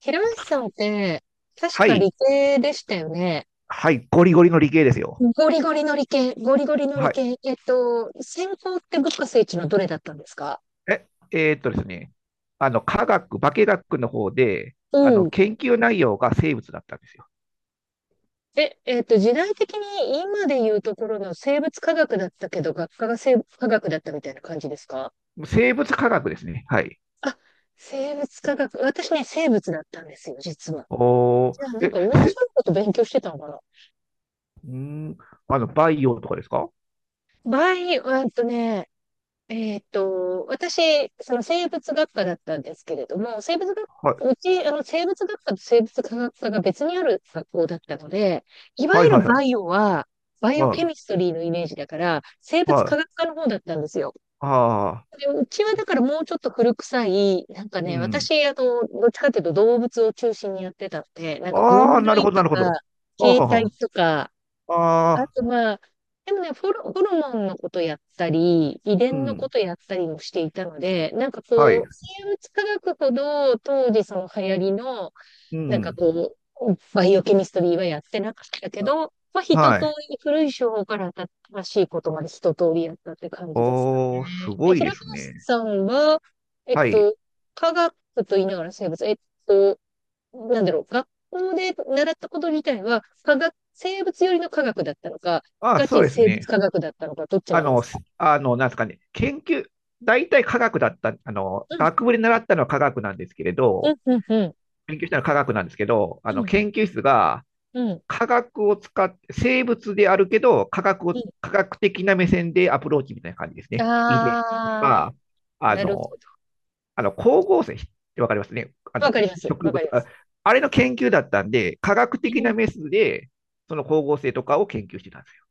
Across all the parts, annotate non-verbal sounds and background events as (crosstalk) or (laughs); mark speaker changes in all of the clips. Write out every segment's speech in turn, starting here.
Speaker 1: 平松さんって、確
Speaker 2: は
Speaker 1: か
Speaker 2: い、
Speaker 1: 理系でしたよね。
Speaker 2: はい、ゴリゴリの理系ですよ。
Speaker 1: ゴリゴリの理系、ゴリゴリの理
Speaker 2: はい。
Speaker 1: 系。専攻って物価聖地のどれだったんですか？
Speaker 2: え、ですね、あの、科学、化学の方で、
Speaker 1: うん。
Speaker 2: 研究内容が生物だったんですよ。
Speaker 1: 時代的に今で言うところの生物科学だったけど、学科が生物科学だったみたいな感じですか？
Speaker 2: 生物科学ですね。はい。
Speaker 1: あ、生物科学。私ね、生物だったんですよ、実は。
Speaker 2: おー、
Speaker 1: じゃあ、なん
Speaker 2: え、
Speaker 1: か同じよ
Speaker 2: せ、
Speaker 1: うなこと勉強してたのかな？
Speaker 2: んーん、あの、バイオとかですか？
Speaker 1: 場合、えっとね、えっと、私、その生物学科だったんですけれども、生物学、
Speaker 2: はい、
Speaker 1: うち、あの、生物学科と生物科学科が別にある学校だったので、いわ
Speaker 2: はい、
Speaker 1: ゆる
Speaker 2: はい、はい。
Speaker 1: バイオは、バイオ
Speaker 2: は
Speaker 1: ケミストリーのイメージだから、生
Speaker 2: い、
Speaker 1: 物
Speaker 2: は
Speaker 1: 科学
Speaker 2: い。
Speaker 1: 科の方だったんですよ。
Speaker 2: ああ、
Speaker 1: うちはだからもうちょっと古臭い、なんか
Speaker 2: う
Speaker 1: ね、
Speaker 2: ん。
Speaker 1: 私、どっちかというと動物を中心にやってたので、なんか
Speaker 2: ああ、
Speaker 1: 分
Speaker 2: なる
Speaker 1: 類
Speaker 2: ほど、な
Speaker 1: と
Speaker 2: るほ
Speaker 1: か、
Speaker 2: ど。
Speaker 1: 形態
Speaker 2: あ
Speaker 1: とか、
Speaker 2: あ、あ
Speaker 1: あ
Speaker 2: あ、
Speaker 1: とは、でもね、ホルモンのことやったり、遺
Speaker 2: う
Speaker 1: 伝のこ
Speaker 2: ん。
Speaker 1: とやったりもしていたので、なんかこ
Speaker 2: はい。
Speaker 1: う、生物科学ほど当時その流行りの、
Speaker 2: う
Speaker 1: なんか
Speaker 2: ん。
Speaker 1: こう、バイオケミストリーはやってなかったけ
Speaker 2: あ
Speaker 1: ど、まあ一
Speaker 2: は
Speaker 1: 通
Speaker 2: い。
Speaker 1: り古い手法から新しいことまで一通りやったって感じですか
Speaker 2: おー、
Speaker 1: ね。
Speaker 2: すごい
Speaker 1: 平
Speaker 2: です
Speaker 1: 林
Speaker 2: ね。
Speaker 1: さんは、えっ
Speaker 2: はい。
Speaker 1: と、科学と言いながら生物、と、なんだろう、学校で習ったこと自体は、科学、生物寄りの科学だったのか、
Speaker 2: ああ、
Speaker 1: ガ
Speaker 2: そう
Speaker 1: チ
Speaker 2: です
Speaker 1: 生物
Speaker 2: ね。
Speaker 1: 科学だったのか、どっち
Speaker 2: あ
Speaker 1: なんで
Speaker 2: の、
Speaker 1: すか？
Speaker 2: すあの、なんですかね、研究、大体科学だった、
Speaker 1: うん、
Speaker 2: 学部で習ったのは科学なんですけれ
Speaker 1: う
Speaker 2: ど、
Speaker 1: ん、うん、うん、
Speaker 2: 勉強したのは科学なんですけど、
Speaker 1: うん、
Speaker 2: 研究室が
Speaker 1: うん、
Speaker 2: 科学を使って、生物であるけど、科学を、
Speaker 1: うん。
Speaker 2: 科学的な目線でアプローチみたいな感じですね。遺伝と
Speaker 1: あ
Speaker 2: か、
Speaker 1: ー、
Speaker 2: あ
Speaker 1: なるほ
Speaker 2: の、
Speaker 1: ど。
Speaker 2: 光合成ってわかりますね。
Speaker 1: わかります。
Speaker 2: 植
Speaker 1: わか
Speaker 2: 物
Speaker 1: りま
Speaker 2: あ、
Speaker 1: す。
Speaker 2: あれの研究だったんで、科学的
Speaker 1: う
Speaker 2: な
Speaker 1: ん。
Speaker 2: メスで、その光合成とかを研究してたんですよ。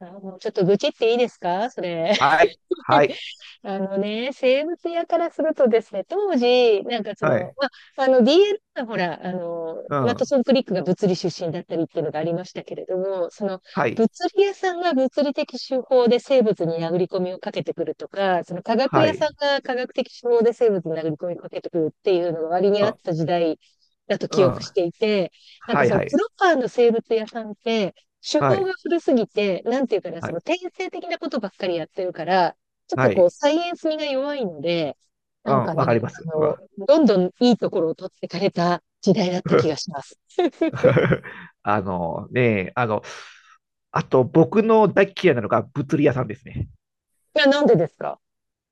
Speaker 1: あーもうちょっと愚痴っていいですか、それ？
Speaker 2: はい。は
Speaker 1: (laughs)
Speaker 2: い。
Speaker 1: あのね、生物屋からするとですね、当時、なんかそ
Speaker 2: は
Speaker 1: の、
Speaker 2: い。
Speaker 1: まあ、あの DL はほら、あの、
Speaker 2: う
Speaker 1: ワト
Speaker 2: ん。
Speaker 1: ソン・クリックが物理出身だったりっていうのがありましたけれども、その、
Speaker 2: はい。
Speaker 1: 物理屋さんが物理的手法で生物に殴り込みをかけてくるとか、その科学
Speaker 2: は
Speaker 1: 屋さ
Speaker 2: い。
Speaker 1: んが科学的手法で生物に殴り込みをかけてくるっていうのが割にあっ
Speaker 2: あ、
Speaker 1: た時代だと
Speaker 2: うん。
Speaker 1: 記憶していて、なん
Speaker 2: は
Speaker 1: か
Speaker 2: い
Speaker 1: その
Speaker 2: は
Speaker 1: プ
Speaker 2: い。
Speaker 1: ロパーの生物屋さんって、手
Speaker 2: は
Speaker 1: 法が
Speaker 2: い。
Speaker 1: 古すぎて、なんていうかな、
Speaker 2: は
Speaker 1: その
Speaker 2: い。
Speaker 1: 転生的なことばっかりやってるから、ちょっと
Speaker 2: は
Speaker 1: こう、
Speaker 2: い。
Speaker 1: サイエンス味が弱いので、な
Speaker 2: うん。
Speaker 1: んか
Speaker 2: わ
Speaker 1: ね、
Speaker 2: かりま
Speaker 1: あ
Speaker 2: す。う
Speaker 1: の、
Speaker 2: ん。
Speaker 1: どんどんいいところを取ってかれた時代だった気がし
Speaker 2: (laughs)
Speaker 1: ます。(laughs)
Speaker 2: あのね、あの、あと僕の大嫌いなのが物理屋さんですね。
Speaker 1: いや、なんでですか？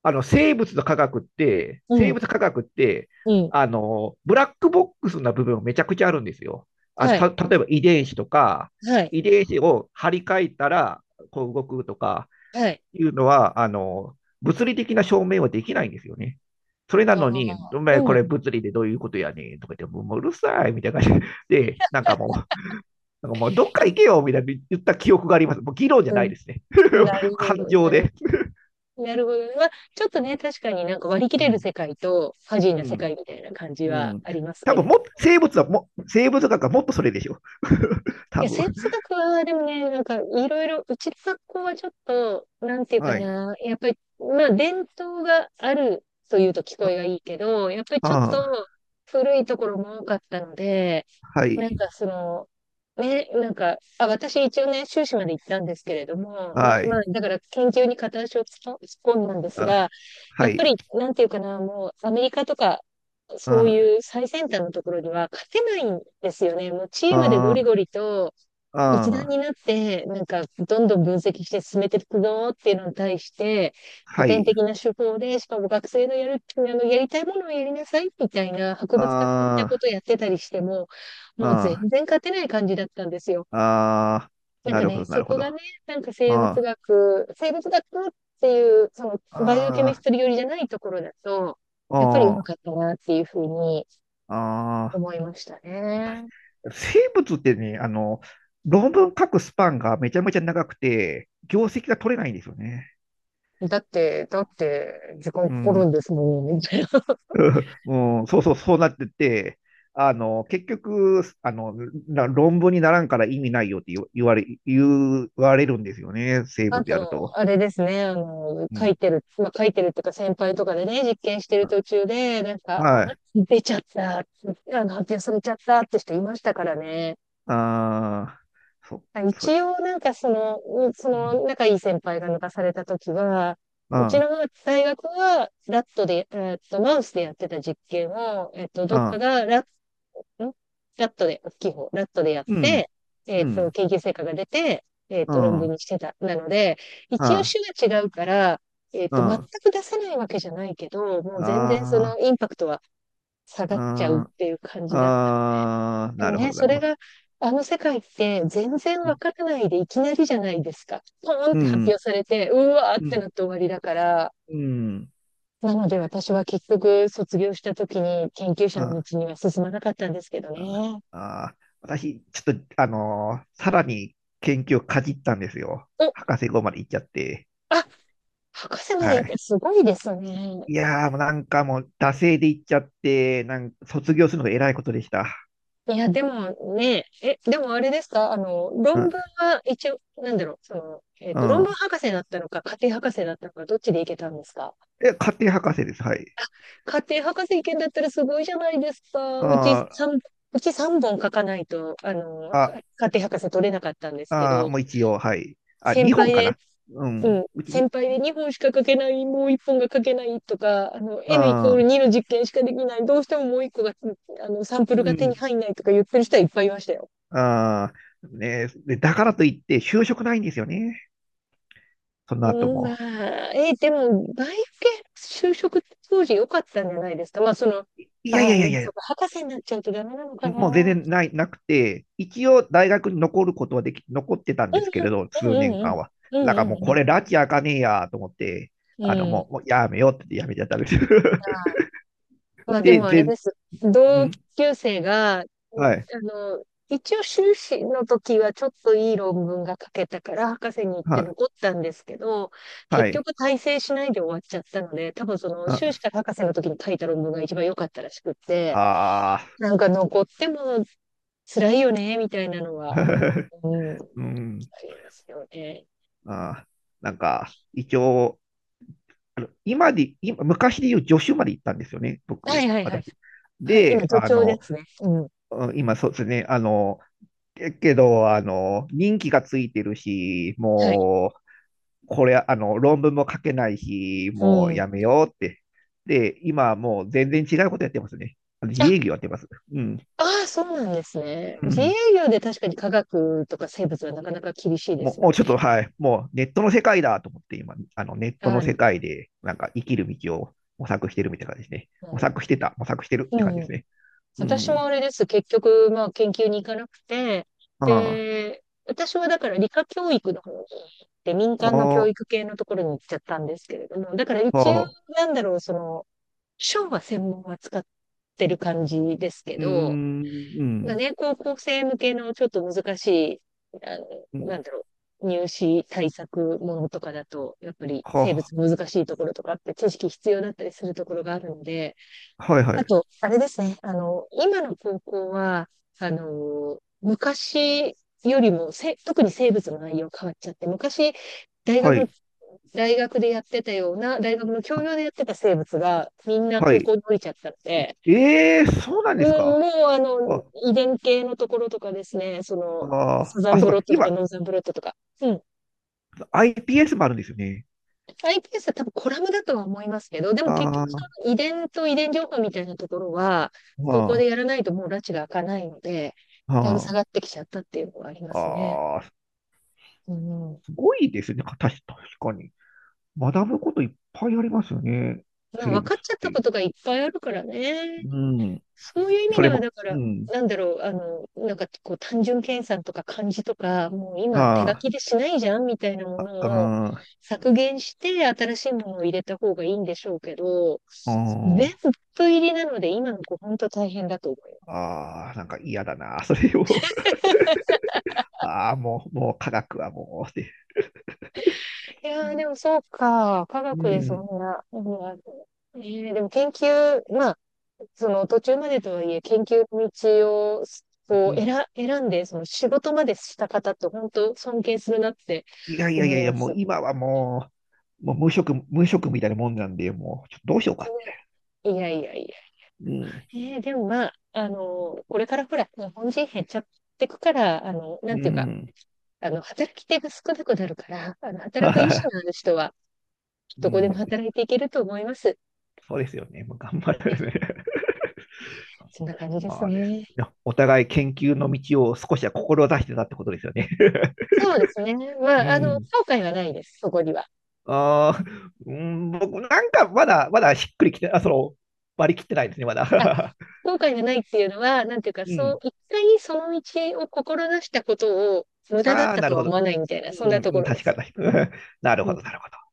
Speaker 2: あの、生物の科学って、
Speaker 1: う
Speaker 2: 生
Speaker 1: ん、
Speaker 2: 物科学って、
Speaker 1: うん。
Speaker 2: あの、ブラックボックスな部分めちゃくちゃあるんですよ。
Speaker 1: はい、
Speaker 2: 例えば遺伝子とか、
Speaker 1: はい、
Speaker 2: 遺伝子を張り替えたら、こう動くとか、
Speaker 1: はい。
Speaker 2: いうのは、あの、物理的な証明はできないんですよね。それな
Speaker 1: あ
Speaker 2: のに、お
Speaker 1: あ、
Speaker 2: 前こ
Speaker 1: うん、
Speaker 2: れ物理でどういうことやねんとか言って、もううるさいみたいな感じで、なんかもう、なんかもうどっか行けよみたいな言った記憶があります。もう議論じゃな
Speaker 1: う
Speaker 2: い
Speaker 1: ん。
Speaker 2: ですね。
Speaker 1: な
Speaker 2: (laughs)
Speaker 1: るほ
Speaker 2: 感
Speaker 1: ど、
Speaker 2: 情で。
Speaker 1: なるほどね。まあ、ちょっとね、確かになんか割り切
Speaker 2: う
Speaker 1: れる
Speaker 2: ん。
Speaker 1: 世界と、ファジー
Speaker 2: う
Speaker 1: な世
Speaker 2: ん。
Speaker 1: 界みたいな感じ
Speaker 2: う
Speaker 1: は
Speaker 2: ん。
Speaker 1: あります
Speaker 2: 多
Speaker 1: け
Speaker 2: 分
Speaker 1: れど、
Speaker 2: も生物はも、生物学はもっとそれでしょ。(laughs) 多
Speaker 1: や、
Speaker 2: 分。
Speaker 1: 哲学は、でもね、なんか、いろいろ、うちの学校はちょっと、なんていうか
Speaker 2: はい。
Speaker 1: な、やっぱり、まあ、伝統があるというと聞こ
Speaker 2: あ、
Speaker 1: えがいいけど、やっぱりちょっ
Speaker 2: あー、
Speaker 1: と古いところも多かったので、
Speaker 2: は
Speaker 1: なん
Speaker 2: い。
Speaker 1: かその、ね、なんか、あ、私一応ね、修士まで行ったんですけれども、ま
Speaker 2: は
Speaker 1: あ、まあ、
Speaker 2: い。
Speaker 1: だから研究に片足を突っ込んだんです
Speaker 2: あ、
Speaker 1: が、や
Speaker 2: は
Speaker 1: っぱ
Speaker 2: い。
Speaker 1: り、なんていうかな、もう、アメリカとか、そう
Speaker 2: あ、
Speaker 1: いう最先端のところには勝てないんですよね。もうチームでゴ
Speaker 2: あ
Speaker 1: リ
Speaker 2: ー、
Speaker 1: ゴリと、
Speaker 2: あ
Speaker 1: 一段
Speaker 2: ー、
Speaker 1: になって、なんか、どんどん分析して進めていくぞっていうのに対して、古
Speaker 2: は
Speaker 1: 典
Speaker 2: い。
Speaker 1: 的な手法で、しかも学生のやる、やりたいものをやりなさいみたいな博物学的なこ
Speaker 2: あ、
Speaker 1: とをやってたりしても、もう全
Speaker 2: あ
Speaker 1: 然勝てない感じだったんですよ。
Speaker 2: あー、
Speaker 1: なん
Speaker 2: な
Speaker 1: か
Speaker 2: るほ
Speaker 1: ね、
Speaker 2: ど、な
Speaker 1: そ
Speaker 2: るほ
Speaker 1: こ
Speaker 2: ど。
Speaker 1: が
Speaker 2: あ
Speaker 1: ね、なんか生物
Speaker 2: あ、
Speaker 1: 学、生物学っていう、その、バイオケ
Speaker 2: あ
Speaker 1: ミストリー寄りじゃないところだと、やっぱりうま
Speaker 2: あ、あ
Speaker 1: かっ
Speaker 2: あ
Speaker 1: たなっていうふうに
Speaker 2: ああ、
Speaker 1: 思いましたね。
Speaker 2: 生物ってね、あの、論文書くスパンがめちゃめちゃ長くて、業績が取れないんですよね。
Speaker 1: だって、時間
Speaker 2: う
Speaker 1: かかるん
Speaker 2: ん。
Speaker 1: ですもんね、みたい。
Speaker 2: もうん、そうそう、そうなってて、あの、結局、あの、な論文にならんから意味ないよって言われるんですよね、生
Speaker 1: あ
Speaker 2: 物やる
Speaker 1: と、
Speaker 2: と。
Speaker 1: あれですね、
Speaker 2: う
Speaker 1: 書い
Speaker 2: ん。
Speaker 1: てる、まあ、書いてるっていうか先輩とかでね、実験してる途中で、なんか、
Speaker 2: は
Speaker 1: あ
Speaker 2: い。
Speaker 1: 出ちゃった、発表されちゃったって人いましたからね。
Speaker 2: ああ、そ、
Speaker 1: 一
Speaker 2: そ、
Speaker 1: 応、なんかその、
Speaker 2: うん。
Speaker 1: 仲いい先輩が抜かされた時は、うち
Speaker 2: あ
Speaker 1: の大学は、ラットで、マウスでやってた実験を、
Speaker 2: あ、
Speaker 1: どっ
Speaker 2: あ
Speaker 1: か
Speaker 2: あ、
Speaker 1: がんラットで、大きい方、ラットでやっ
Speaker 2: うん、
Speaker 1: て、
Speaker 2: うん。
Speaker 1: 研究成果が出て、
Speaker 2: う
Speaker 1: 論
Speaker 2: ん、う
Speaker 1: 文
Speaker 2: ん、
Speaker 1: にしてた。なので、
Speaker 2: う
Speaker 1: 一応
Speaker 2: ん、
Speaker 1: 種が違うから、全
Speaker 2: あ
Speaker 1: く出せないわけじゃないけど、もう全然そ
Speaker 2: あ、
Speaker 1: のインパクトは下
Speaker 2: う
Speaker 1: がっちゃう
Speaker 2: ん、
Speaker 1: っ
Speaker 2: あ
Speaker 1: ていう感じだった。
Speaker 2: あ、
Speaker 1: で
Speaker 2: な
Speaker 1: も
Speaker 2: るほ
Speaker 1: ね、
Speaker 2: ど、な
Speaker 1: そ
Speaker 2: る
Speaker 1: れ
Speaker 2: ほ
Speaker 1: が、
Speaker 2: ど。
Speaker 1: あの世界って全然わ
Speaker 2: う
Speaker 1: からないでいきなりじゃないですか。ポーンって発
Speaker 2: ん、
Speaker 1: 表されて、うわーっ
Speaker 2: う
Speaker 1: てな
Speaker 2: ん、
Speaker 1: って終わりだから、
Speaker 2: うん、
Speaker 1: なので私は結局卒業した時に研究者の
Speaker 2: あ
Speaker 1: 道には進まなかったんですけど
Speaker 2: あ、
Speaker 1: ね。
Speaker 2: あ、私、ちょっと、あのーさらに研究をかじったんですよ。
Speaker 1: お、
Speaker 2: 博士号まで行っちゃって。
Speaker 1: あ、博士まで
Speaker 2: は
Speaker 1: 行って
Speaker 2: い。
Speaker 1: すごいですね。
Speaker 2: いやー、もうなんかもう、惰性で行っちゃって、なんか卒業するのが偉いことでした。
Speaker 1: いや、でもね、でもあれですか、あの、
Speaker 2: う
Speaker 1: 論
Speaker 2: ん、
Speaker 1: 文は一応、なんだろう、その、
Speaker 2: う
Speaker 1: 論文
Speaker 2: ん。
Speaker 1: 博士だったのか、家庭博士だったのか、どっちで行けたんですか？
Speaker 2: え、家庭博士です。はい。
Speaker 1: 家庭博士行けんだったらすごいじゃないですか。
Speaker 2: あ
Speaker 1: うち
Speaker 2: ー、
Speaker 1: 3、うち3本書かないと、
Speaker 2: あ、
Speaker 1: 家庭博士取れなかったんですけ
Speaker 2: あー、
Speaker 1: ど、
Speaker 2: もう一応、はい。あ、
Speaker 1: 先
Speaker 2: 日
Speaker 1: 輩
Speaker 2: 本か
Speaker 1: で、
Speaker 2: な。う
Speaker 1: うん、
Speaker 2: ん。うち、
Speaker 1: 先輩で2本しか書けない、もう1本が書けないとか、あの、N イコ
Speaker 2: あ
Speaker 1: ール
Speaker 2: あ、
Speaker 1: 2の実験しかできない、どうしてももう1個が、あの、サンプル
Speaker 2: う
Speaker 1: が手に
Speaker 2: ん、
Speaker 1: 入んないとか言ってる人はいっぱいいましたよ。
Speaker 2: ああ、ねで、だからといって、就職ないんですよね、その後
Speaker 1: うん、ま
Speaker 2: も。
Speaker 1: あ、でも、バイオ系就職当時良かったんじゃないですか。まあ、その、
Speaker 2: いやい
Speaker 1: ああ、
Speaker 2: やいや
Speaker 1: で
Speaker 2: い
Speaker 1: もそう
Speaker 2: や、
Speaker 1: か、博士になっちゃうとダメなのか
Speaker 2: もう全
Speaker 1: な。
Speaker 2: 然ない、なくて、一応大学に残ることはでき、残ってたん
Speaker 1: う
Speaker 2: ですけ
Speaker 1: ん
Speaker 2: れど、数年
Speaker 1: うん、う
Speaker 2: 間
Speaker 1: ん
Speaker 2: は。
Speaker 1: うんう
Speaker 2: だ
Speaker 1: ん。
Speaker 2: から
Speaker 1: う
Speaker 2: もう
Speaker 1: んう
Speaker 2: こ
Speaker 1: ん
Speaker 2: れ、拉致あかねえやと思って、
Speaker 1: う
Speaker 2: あの、
Speaker 1: ん。うん。
Speaker 2: もう、もうやめようってやめちゃったんですよ。(laughs)
Speaker 1: まあで
Speaker 2: で、
Speaker 1: もあれ
Speaker 2: 全、
Speaker 1: です。同
Speaker 2: ん、
Speaker 1: 級生が、う
Speaker 2: はい、
Speaker 1: あの、一応修士の時はちょっといい論文が書けたから博士に行っ
Speaker 2: は
Speaker 1: て
Speaker 2: い、
Speaker 1: 残ったんですけど、
Speaker 2: は
Speaker 1: 結
Speaker 2: い、
Speaker 1: 局大成しないで終わっちゃったので、多分その修士
Speaker 2: あ、
Speaker 1: から博士の時に書いた論文が一番良かったらしくって、
Speaker 2: ああ、
Speaker 1: なんか残っても辛いよね、みたいなのは、
Speaker 2: (laughs)
Speaker 1: うん、あ
Speaker 2: うん、
Speaker 1: りますよね。
Speaker 2: あ、なんか、一応、あの今で、今、昔で言う助手まで行ったんですよね、
Speaker 1: は
Speaker 2: 僕、
Speaker 1: いはいはい。
Speaker 2: 私。
Speaker 1: はい、今、
Speaker 2: で、
Speaker 1: 助
Speaker 2: あ
Speaker 1: 教で
Speaker 2: の、
Speaker 1: すね。うん。
Speaker 2: うん、今、そうですね、あの、けけど、あの、任期がついてるし、
Speaker 1: はい。
Speaker 2: もう、これ、あの、論文も書けないし、
Speaker 1: う
Speaker 2: もう
Speaker 1: ん。
Speaker 2: やめようって。で、今、もう全然違うことやってますね。あの自
Speaker 1: あ、
Speaker 2: 営業やってます。うん。
Speaker 1: ああ、そうなんですね。
Speaker 2: う
Speaker 1: 自営
Speaker 2: ん、
Speaker 1: 業で確かに科学とか生物はなかなか厳しいで
Speaker 2: も
Speaker 1: す
Speaker 2: う、
Speaker 1: も
Speaker 2: も
Speaker 1: ん
Speaker 2: うちょっ
Speaker 1: ね。
Speaker 2: と、はい、もうネットの世界だと思って、今、あのネット
Speaker 1: は
Speaker 2: の
Speaker 1: い。な
Speaker 2: 世
Speaker 1: る
Speaker 2: 界で、なんか生きる道を模索してるみたいな感じですね。
Speaker 1: ほ
Speaker 2: 模
Speaker 1: ど。
Speaker 2: 索してた、模索してるって感じ
Speaker 1: う
Speaker 2: で
Speaker 1: ん。
Speaker 2: すね。う
Speaker 1: 私も
Speaker 2: ん。
Speaker 1: あれです。結局、まあ、研究に行かなくて、
Speaker 2: ああ、
Speaker 1: で、私はだから理科教育の方に行って民間の教
Speaker 2: あ
Speaker 1: 育系のところに行っちゃったんですけれども、だから
Speaker 2: あ、
Speaker 1: 一
Speaker 2: はあ、
Speaker 1: 応、
Speaker 2: う
Speaker 1: なんだろう、その、書は専門は使ってる感じですけ
Speaker 2: ーん、
Speaker 1: ど、
Speaker 2: う
Speaker 1: が
Speaker 2: ん、
Speaker 1: ね、高校生向けのちょっと難しい、あ
Speaker 2: う
Speaker 1: なん
Speaker 2: ん、
Speaker 1: だろう、入試対策ものとかだと、やっぱり
Speaker 2: は
Speaker 1: 生物難しいところとかあって知識必要だったりするところがあるので、
Speaker 2: あ、はい、は
Speaker 1: あ
Speaker 2: い、
Speaker 1: と、あれですね、あの、今の高校は、あの、昔よりも特に生物の内容変わっちゃって、昔、大学
Speaker 2: は
Speaker 1: の
Speaker 2: い、
Speaker 1: 大学でやってたような、大学の教
Speaker 2: は、
Speaker 1: 養でやってた生物がみんな
Speaker 2: は
Speaker 1: 高
Speaker 2: い。
Speaker 1: 校に降りちゃったので、
Speaker 2: ええ、そうなん
Speaker 1: う
Speaker 2: です
Speaker 1: ん、
Speaker 2: か？
Speaker 1: もうあの、
Speaker 2: あ、
Speaker 1: 遺伝系のところとかですね、そ
Speaker 2: あ
Speaker 1: の、サ
Speaker 2: あ、
Speaker 1: ザ
Speaker 2: あ、
Speaker 1: ン
Speaker 2: そ
Speaker 1: ブ
Speaker 2: う
Speaker 1: ロッ
Speaker 2: か、
Speaker 1: トとか
Speaker 2: 今、
Speaker 1: ノーザンブロットとか。うん。
Speaker 2: IPS もあるんですよね。
Speaker 1: iPS は多分コラムだとは思いますけど、でも結
Speaker 2: あ
Speaker 1: 局そ
Speaker 2: あ、
Speaker 1: の遺伝と遺伝情報みたいなところは、そこで
Speaker 2: は
Speaker 1: やらないともう拉致が開かないので、
Speaker 2: あ、
Speaker 1: だいぶ下が
Speaker 2: は
Speaker 1: ってきちゃったっていうのはありま
Speaker 2: あ、
Speaker 1: すね。
Speaker 2: ああ、
Speaker 1: うんうん。
Speaker 2: すごいですね、確かに。学ぶこといっぱいありますよね。
Speaker 1: まあ
Speaker 2: 生
Speaker 1: 分
Speaker 2: 物っ
Speaker 1: かっちゃった
Speaker 2: て。
Speaker 1: ことがいっぱいあるからね。
Speaker 2: うん。
Speaker 1: そういう意味
Speaker 2: それ
Speaker 1: では、
Speaker 2: も、
Speaker 1: だか
Speaker 2: う
Speaker 1: ら、
Speaker 2: ん。
Speaker 1: なんだろう、なんかこう単純計算とか漢字とか、もう今手書
Speaker 2: あ
Speaker 1: きでしないじゃんみたいなも
Speaker 2: あ、
Speaker 1: のを
Speaker 2: あ
Speaker 1: 削減して新しいものを入れた方がいいんでしょうけど、
Speaker 2: あ、う
Speaker 1: 全
Speaker 2: ん。
Speaker 1: 部入りなので今の子本当大変だと思う。
Speaker 2: ああ、なんか嫌だな。(laughs) それを、(laughs) ああ、もう、もう科学はもう、って。
Speaker 1: い
Speaker 2: う
Speaker 1: やー、
Speaker 2: ん。
Speaker 1: でもそうか、科学でそ
Speaker 2: う
Speaker 1: んな、うん。でも研究、まあその途中までとはいえ、研究の道をこう
Speaker 2: ん、
Speaker 1: 選んで、その仕事までした方って本当尊敬するなって
Speaker 2: いやいやい
Speaker 1: 思
Speaker 2: や
Speaker 1: い
Speaker 2: いや、
Speaker 1: ま
Speaker 2: もう
Speaker 1: す。
Speaker 2: 今はもう、もう無職、無職みたいなもんなんで、もう、ちょっとどうしようかって。
Speaker 1: いやいやい
Speaker 2: うん。
Speaker 1: や。でもまあ、あの、これからほら、日本人減っちゃってくから、な
Speaker 2: う
Speaker 1: んていうか、
Speaker 2: ん。
Speaker 1: 働き手が少なくなるから、あの、
Speaker 2: (laughs)
Speaker 1: 働
Speaker 2: は
Speaker 1: く意
Speaker 2: は
Speaker 1: 思
Speaker 2: は
Speaker 1: のある人は、
Speaker 2: (laughs)
Speaker 1: ど
Speaker 2: う
Speaker 1: こでも
Speaker 2: ん。
Speaker 1: 働いていけると思います。
Speaker 2: そうですよね。もう頑張
Speaker 1: え、
Speaker 2: るね。
Speaker 1: そんな感じで
Speaker 2: ま
Speaker 1: す
Speaker 2: あです。
Speaker 1: ね。
Speaker 2: お互い研究の道を少しは志してたってことですよね。(laughs)
Speaker 1: そうですね。
Speaker 2: う
Speaker 1: まあ、後
Speaker 2: ん。
Speaker 1: 悔はないです、そこには。
Speaker 2: (laughs) ああ、うん、僕なんかまだ、まだしっくりきて、あ、その、割り切ってないですね、まだ。
Speaker 1: 後悔がないっていうのは、なんていう
Speaker 2: (laughs)
Speaker 1: か、
Speaker 2: う
Speaker 1: そう、
Speaker 2: ん。
Speaker 1: 一回その道を志したことを無駄だっ
Speaker 2: ああ、
Speaker 1: た
Speaker 2: な
Speaker 1: と
Speaker 2: る
Speaker 1: は
Speaker 2: ほ
Speaker 1: 思
Speaker 2: ど。
Speaker 1: わないみたいな、そんなと
Speaker 2: う
Speaker 1: こ
Speaker 2: ん、
Speaker 1: ろで
Speaker 2: 確か
Speaker 1: す。
Speaker 2: に。(laughs) なる
Speaker 1: う
Speaker 2: ほ
Speaker 1: ん。
Speaker 2: ど、なるほど。